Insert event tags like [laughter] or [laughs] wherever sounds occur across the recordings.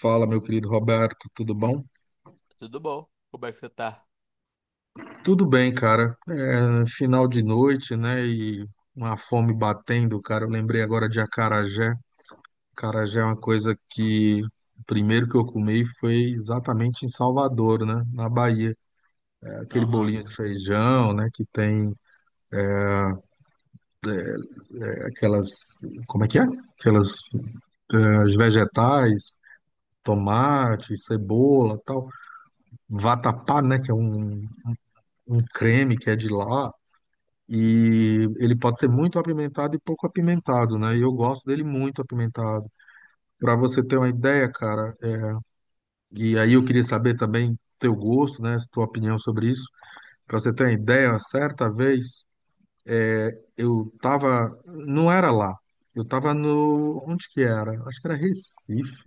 Fala, meu querido Roberto, tudo bom? Tudo bom? Como é que você tá? Tudo bem, cara. É, final de noite, né? E uma fome batendo, cara. Eu lembrei agora de acarajé. Acarajé é uma coisa que o primeiro que eu comi foi exatamente em Salvador, né? Na Bahia. É aquele Aham, bolinho de feijão, né? Que tem aquelas, como é que é? Aquelas os vegetais, tomate, cebola, tal. Vatapá, né? Que é um creme que é de lá. E ele pode ser muito apimentado e pouco apimentado, né? E eu gosto dele muito apimentado. Para você ter uma ideia, cara, e aí eu queria saber também teu gosto, né? Tua opinião sobre isso. Para você ter uma ideia, certa vez eu tava, não era lá, eu tava no, onde que era? Acho que era Recife.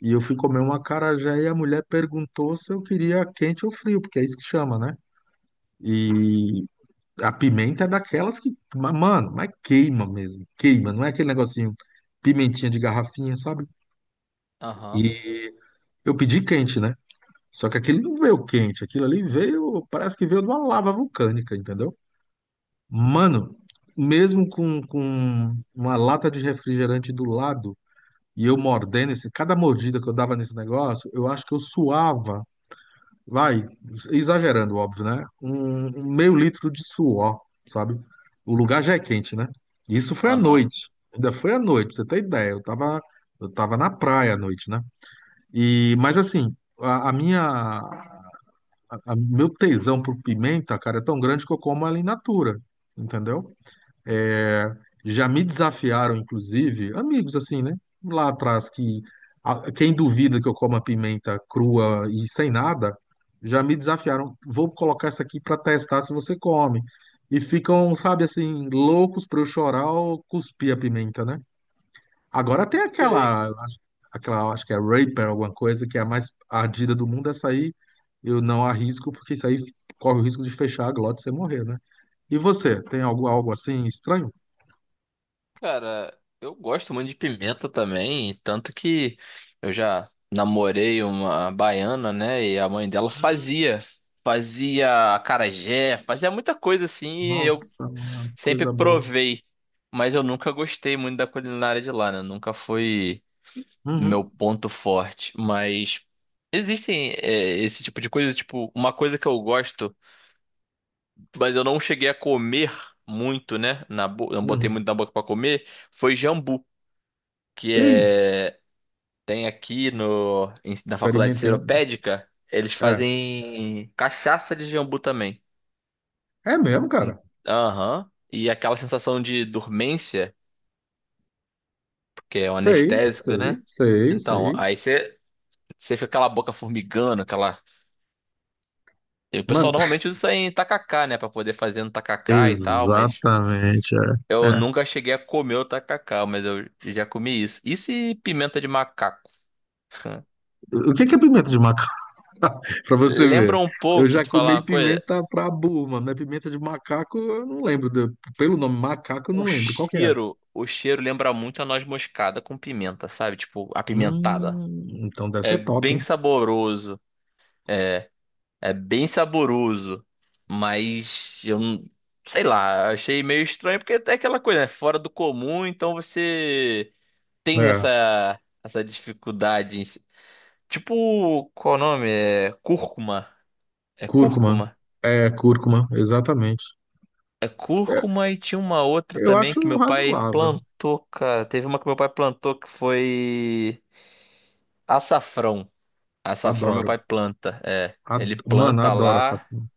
E eu fui comer um acarajé e a mulher perguntou se eu queria quente ou frio, porque é isso que chama, né? E a pimenta é daquelas que, mano, mas queima mesmo, queima, não é aquele negocinho pimentinha de garrafinha, sabe? aham, E eu pedi quente, né? Só que aquele não veio quente, aquilo ali veio, parece que veio de uma lava vulcânica, entendeu? Mano, mesmo com uma lata de refrigerante do lado e eu mordendo esse, cada mordida que eu dava nesse negócio, eu acho que eu suava vai, exagerando, óbvio, né? Um meio litro de suor, sabe? O lugar já é quente, né? Isso foi à aham. noite. Ainda foi à noite, pra você ter ideia. Eu tava na praia à noite, né? E, mas assim, a minha, a- meu tesão por pimenta, cara, é tão grande que eu como ela in natura, entendeu? É, já me desafiaram, inclusive, amigos assim, né? Lá atrás, que quem duvida que eu como a pimenta crua e sem nada, já me desafiaram. Vou colocar essa aqui para testar se você come. E ficam, sabe assim, loucos para eu chorar ou cuspir a pimenta, né? Agora tem Sei. aquela, aquela, acho que é Reaper, alguma coisa, que é a mais ardida do mundo. Essa aí eu não arrisco, porque isso aí corre o risco de fechar a glote e você morrer, né? E você, tem algo, algo assim estranho? Cara, eu gosto muito de pimenta também, tanto que eu já namorei uma baiana, né? E a mãe dela fazia, fazia acarajé, fazia muita coisa assim, e eu Nossa, mano, sempre coisa boa. provei, mas eu nunca gostei muito da culinária de lá, né? Nunca foi meu Uhum, ponto forte, mas existem esse tipo de coisa, tipo, uma coisa que eu gosto. Mas eu não cheguei a comer muito, né? Na bo... Não botei uhum. muito na boca pra comer. Foi jambu, que Ih, é tem aqui no na faculdade experimentei um. seropédica, eles É, fazem cachaça de jambu também. é mesmo, Hum, cara. Aham. E aquela sensação de dormência, porque é um Sei, anestésico, né? sei, sei, Então, sei. aí você fica com aquela boca formigando, aquela. E o pessoal Mano, [laughs] normalmente usa isso aí em tacacá, né? Pra poder fazer no tacacá e tal, mas exatamente, é. eu É. nunca cheguei a comer o tacacá, mas eu já comi isso. Isso e se pimenta de macaco? O que que é pimenta de macaco? [laughs] Pra você ver. Lembra um Eu pouco, já te falar comi uma coisa, pimenta pra burro, mas pimenta de macaco eu não lembro. Pelo nome macaco eu não lembro. Qual que é essa? O cheiro lembra muito a noz moscada com pimenta, sabe? Tipo, apimentada. Então deve É ser top, bem hein? saboroso, é bem saboroso, mas eu não- sei lá, achei meio estranho porque é aquela coisa, né? Fora do comum, então você tem É, essa dificuldade em... Tipo, qual o nome? É cúrcuma. É cúrcuma. cúrcuma? É, cúrcuma, exatamente. É É, cúrcuma e tinha uma outra eu também acho que meu pai razoável. plantou, cara. Teve uma que meu pai plantou que foi açafrão. Açafrão meu Adoro. pai planta, é. Ele Mano, planta adoro essa lá. filme.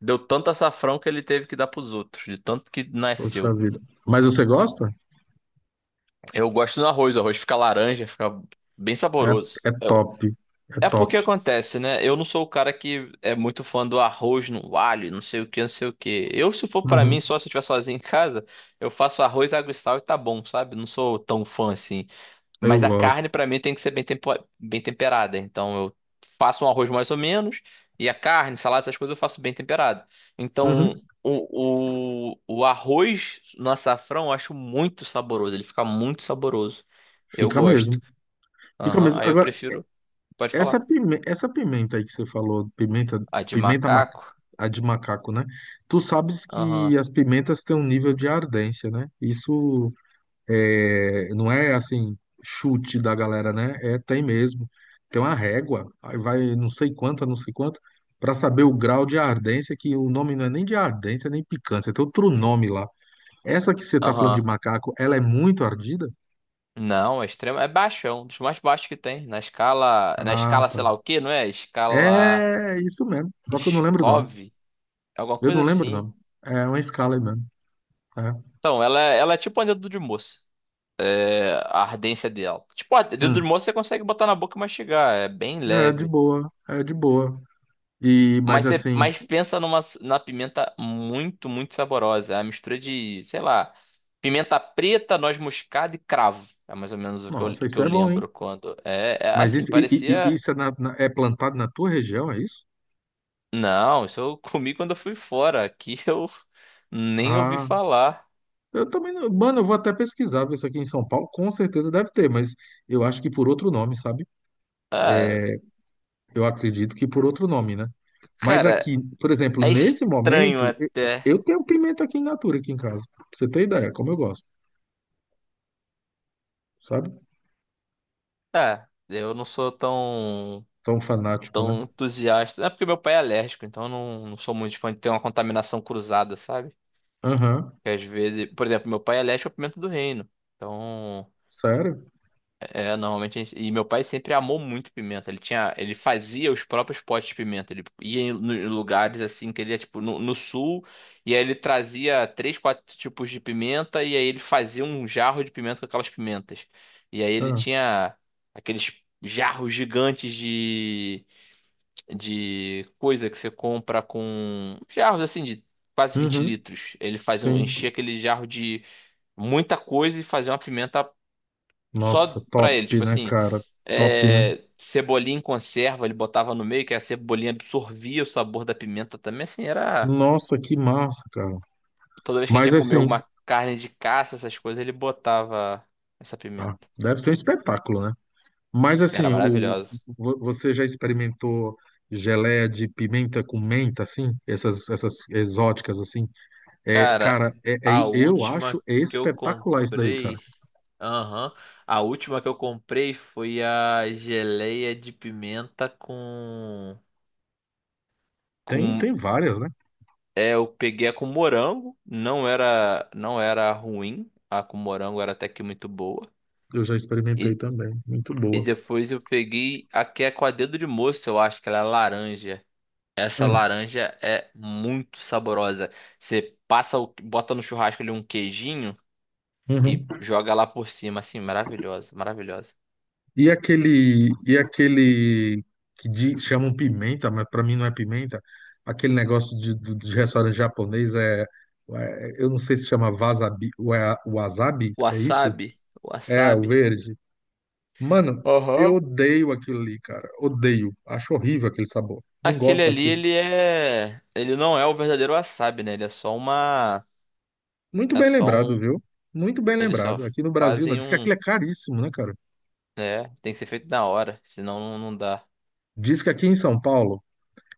Deu tanto açafrão que ele teve que dar pros outros, de tanto que Poxa nasceu. vida. Mas você gosta? Eu gosto do arroz, o arroz fica laranja, fica bem É, saboroso. é É, top. É é porque top. acontece, né? Eu não sou o cara que é muito fã do arroz no alho, não sei o que, não sei o que. Eu, se for pra Uhum. mim, só se eu estiver sozinho em casa, eu faço arroz, água e sal e tá bom, sabe? Não sou tão fã assim. Eu Mas a carne gosto. pra mim tem que ser bem, bem temperada. Então eu faço um arroz mais ou menos e a carne, salada, essas coisas eu faço bem temperado. Uhum. Então o arroz no açafrão eu acho muito saboroso. Ele fica muito saboroso. Eu Fica gosto. mesmo. Fica Aham, mesmo. aí eu Agora, prefiro. Pode essa falar. pimenta, essa pimenta aí que você falou, A de pimenta ma- macaco? a de macaco, né? Tu sabes Aham. que as pimentas têm um nível de ardência, né? Isso é, não é assim, chute da galera, né? É, tem mesmo. Tem uma régua, aí vai não sei quanta, não sei quanto, para saber o grau de ardência, que o nome não é nem de ardência, nem picância, tem outro nome lá. Essa que você tá falando de Aham. macaco, ela é muito ardida? Não, é extremo. É baixo, é um dos mais baixos que tem. Na escala. Na Ah, escala, sei tá. lá o que, não é? Escala. É isso mesmo, só que eu não lembro o nome. Scov? Alguma Eu coisa não lembro o assim. nome. É uma escala aí mesmo. É, Então, ela, ela é tipo um dedo de moça. É, a ardência dela. Tipo, a dedo de hum. moça você consegue botar na boca e mastigar. É bem É de leve. boa, é de boa. E, mas Mas, você, assim, mas pensa numa, na pimenta muito, muito saborosa. É a mistura de, sei lá, pimenta preta, noz moscada e cravo. É mais ou menos o nossa, que isso eu é bom, hein? lembro quando. É, é Mas assim, isso, parecia. isso é, é plantado na tua região, é isso? Não, isso eu [laughs] comi quando eu fui fora. Aqui eu nem ouvi Ah, falar. eu também não. Mano, eu vou até pesquisar, ver isso aqui em São Paulo, com certeza deve ter, mas eu acho que por outro nome, sabe? Ah, Eu acredito que por outro nome, né? Mas cara, aqui, por exemplo, é nesse estranho momento, até. eu tenho pimenta aqui em natura, aqui em casa. Pra você ter ideia, como eu gosto, sabe? Ah, eu não sou tão, Tão fanático, né? tão entusiasta. É porque meu pai é alérgico, então eu não, não sou muito fã de ter uma contaminação cruzada, sabe? Aham, Que às vezes, por exemplo, meu pai é alérgico à pimenta do reino. Então, sério? é, é, normalmente a gente, e meu pai sempre amou muito pimenta. Ele tinha, ele fazia os próprios potes de pimenta. Ele ia em em lugares assim que ele ia tipo no, no sul e aí ele trazia três, quatro tipos de pimenta e aí ele fazia um jarro de pimenta com aquelas pimentas. E aí ele Ah, tinha aqueles jarros gigantes de coisa que você compra com jarros assim de quase 20 uhum, litros. Ele fazia, sim. enchia aquele jarro de muita coisa e fazer uma pimenta Nossa, só pra ele. top, Tipo né, assim, cara? Top, né? é, cebolinha em conserva, ele botava no meio, que a cebolinha absorvia o sabor da pimenta também. Assim, era. Nossa, que massa, cara. Toda vez que a gente Mas ia comer assim, alguma carne de caça, essas coisas, ele botava essa ah, pimenta. deve ser um espetáculo, né? Mas Era assim, o, maravilhoso. Você já experimentou geleia de pimenta com menta, assim? Essas, essas exóticas, assim? É, Cara, cara, é, a eu acho última que eu espetacular isso daí, cara. comprei. Aham. A última que eu comprei foi a geleia de pimenta com. Tem, Com tem várias, né? é, eu peguei a com morango, não era, não era ruim, a com morango era até que muito boa. Eu já experimentei E, também. Muito e boa. depois eu peguei a que é com a dedo de moça, eu acho que ela é laranja. Essa Hum, laranja é muito saborosa. Você passa, bota no churrasco ali um queijinho e uhum. joga lá por cima, assim, maravilhosa, maravilhosa. E aquele que chamam pimenta, mas para mim não é pimenta. Aquele negócio de, de, restaurante japonês é, eu não sei se chama wasabi, wasabi, é isso? Wasabi, É, o wasabi. verde. Mano, Aham. eu odeio aquilo ali, cara. Odeio. Acho horrível aquele sabor. Não Aquele gosto ali, daquilo. ele é, ele não é o verdadeiro wasabi, né? Ele é só uma, Muito é bem só lembrado, um, viu? Muito bem eles só lembrado. Aqui no Brasil, né? fazem Diz que um. aquilo é caríssimo, né, cara? É, tem que ser feito na hora, senão não, não dá. Diz que aqui em São Paulo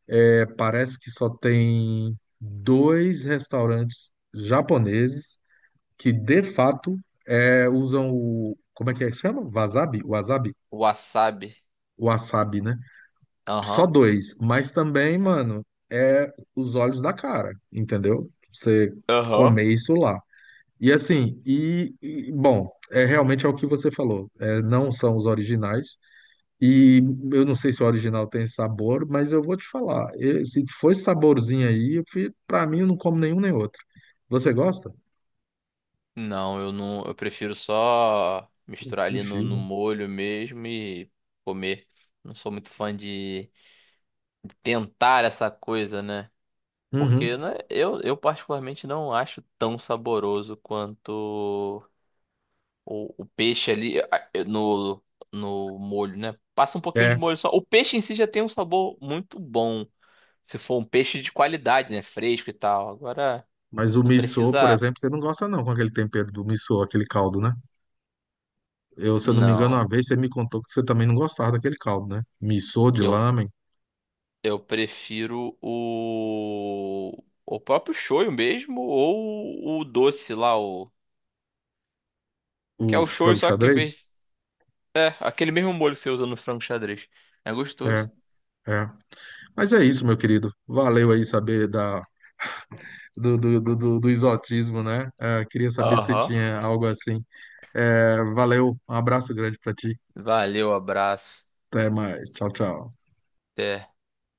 é, parece que só tem dois restaurantes japoneses que, de fato, é, usam o. Como é que chama? Wasabi? Wasabi? Wasabi. Wasabi, né? Só Aham. dois. Mas também, mano, é os olhos da cara, entendeu? Você comer Aham. isso lá. E assim, e, bom, é realmente é o que você falou. É, não são os originais, e eu não sei se o original tem sabor, mas eu vou te falar. Eu- se for esse saborzinho aí, para mim eu não como nenhum nem outro. Você gosta? Não, eu não. Eu prefiro só misturar ali no, Sushi, no né? molho mesmo e comer. Não sou muito fã de tentar essa coisa, né? Porque Uhum. né, eu particularmente não acho tão saboroso quanto o peixe ali ah, no, no molho, né? Passa um pouquinho de É, molho só. O peixe em si já tem um sabor muito bom. Se for um peixe de qualidade, né? Fresco e tal. Agora, mas o não missô, por precisa. exemplo, você não gosta não com aquele tempero do missô, aquele caldo, né? Eu, se eu não me engano, Não. uma vez você me contou que você também não gostava daquele caldo, né? Missô de Eu, lamen, eu prefiro o. O próprio shoyu mesmo, ou o doce lá, o. o Que é o shoyu, frango só que em xadrez. vez. É, aquele mesmo molho que você usa no frango xadrez. É gostoso. É, é. Mas é isso, meu querido. Valeu aí saber da, do exotismo, né? É, queria saber se você Aham. tinha algo assim. É, valeu, um abraço grande pra ti. Valeu, abraço. Até mais. Tchau, tchau. Até.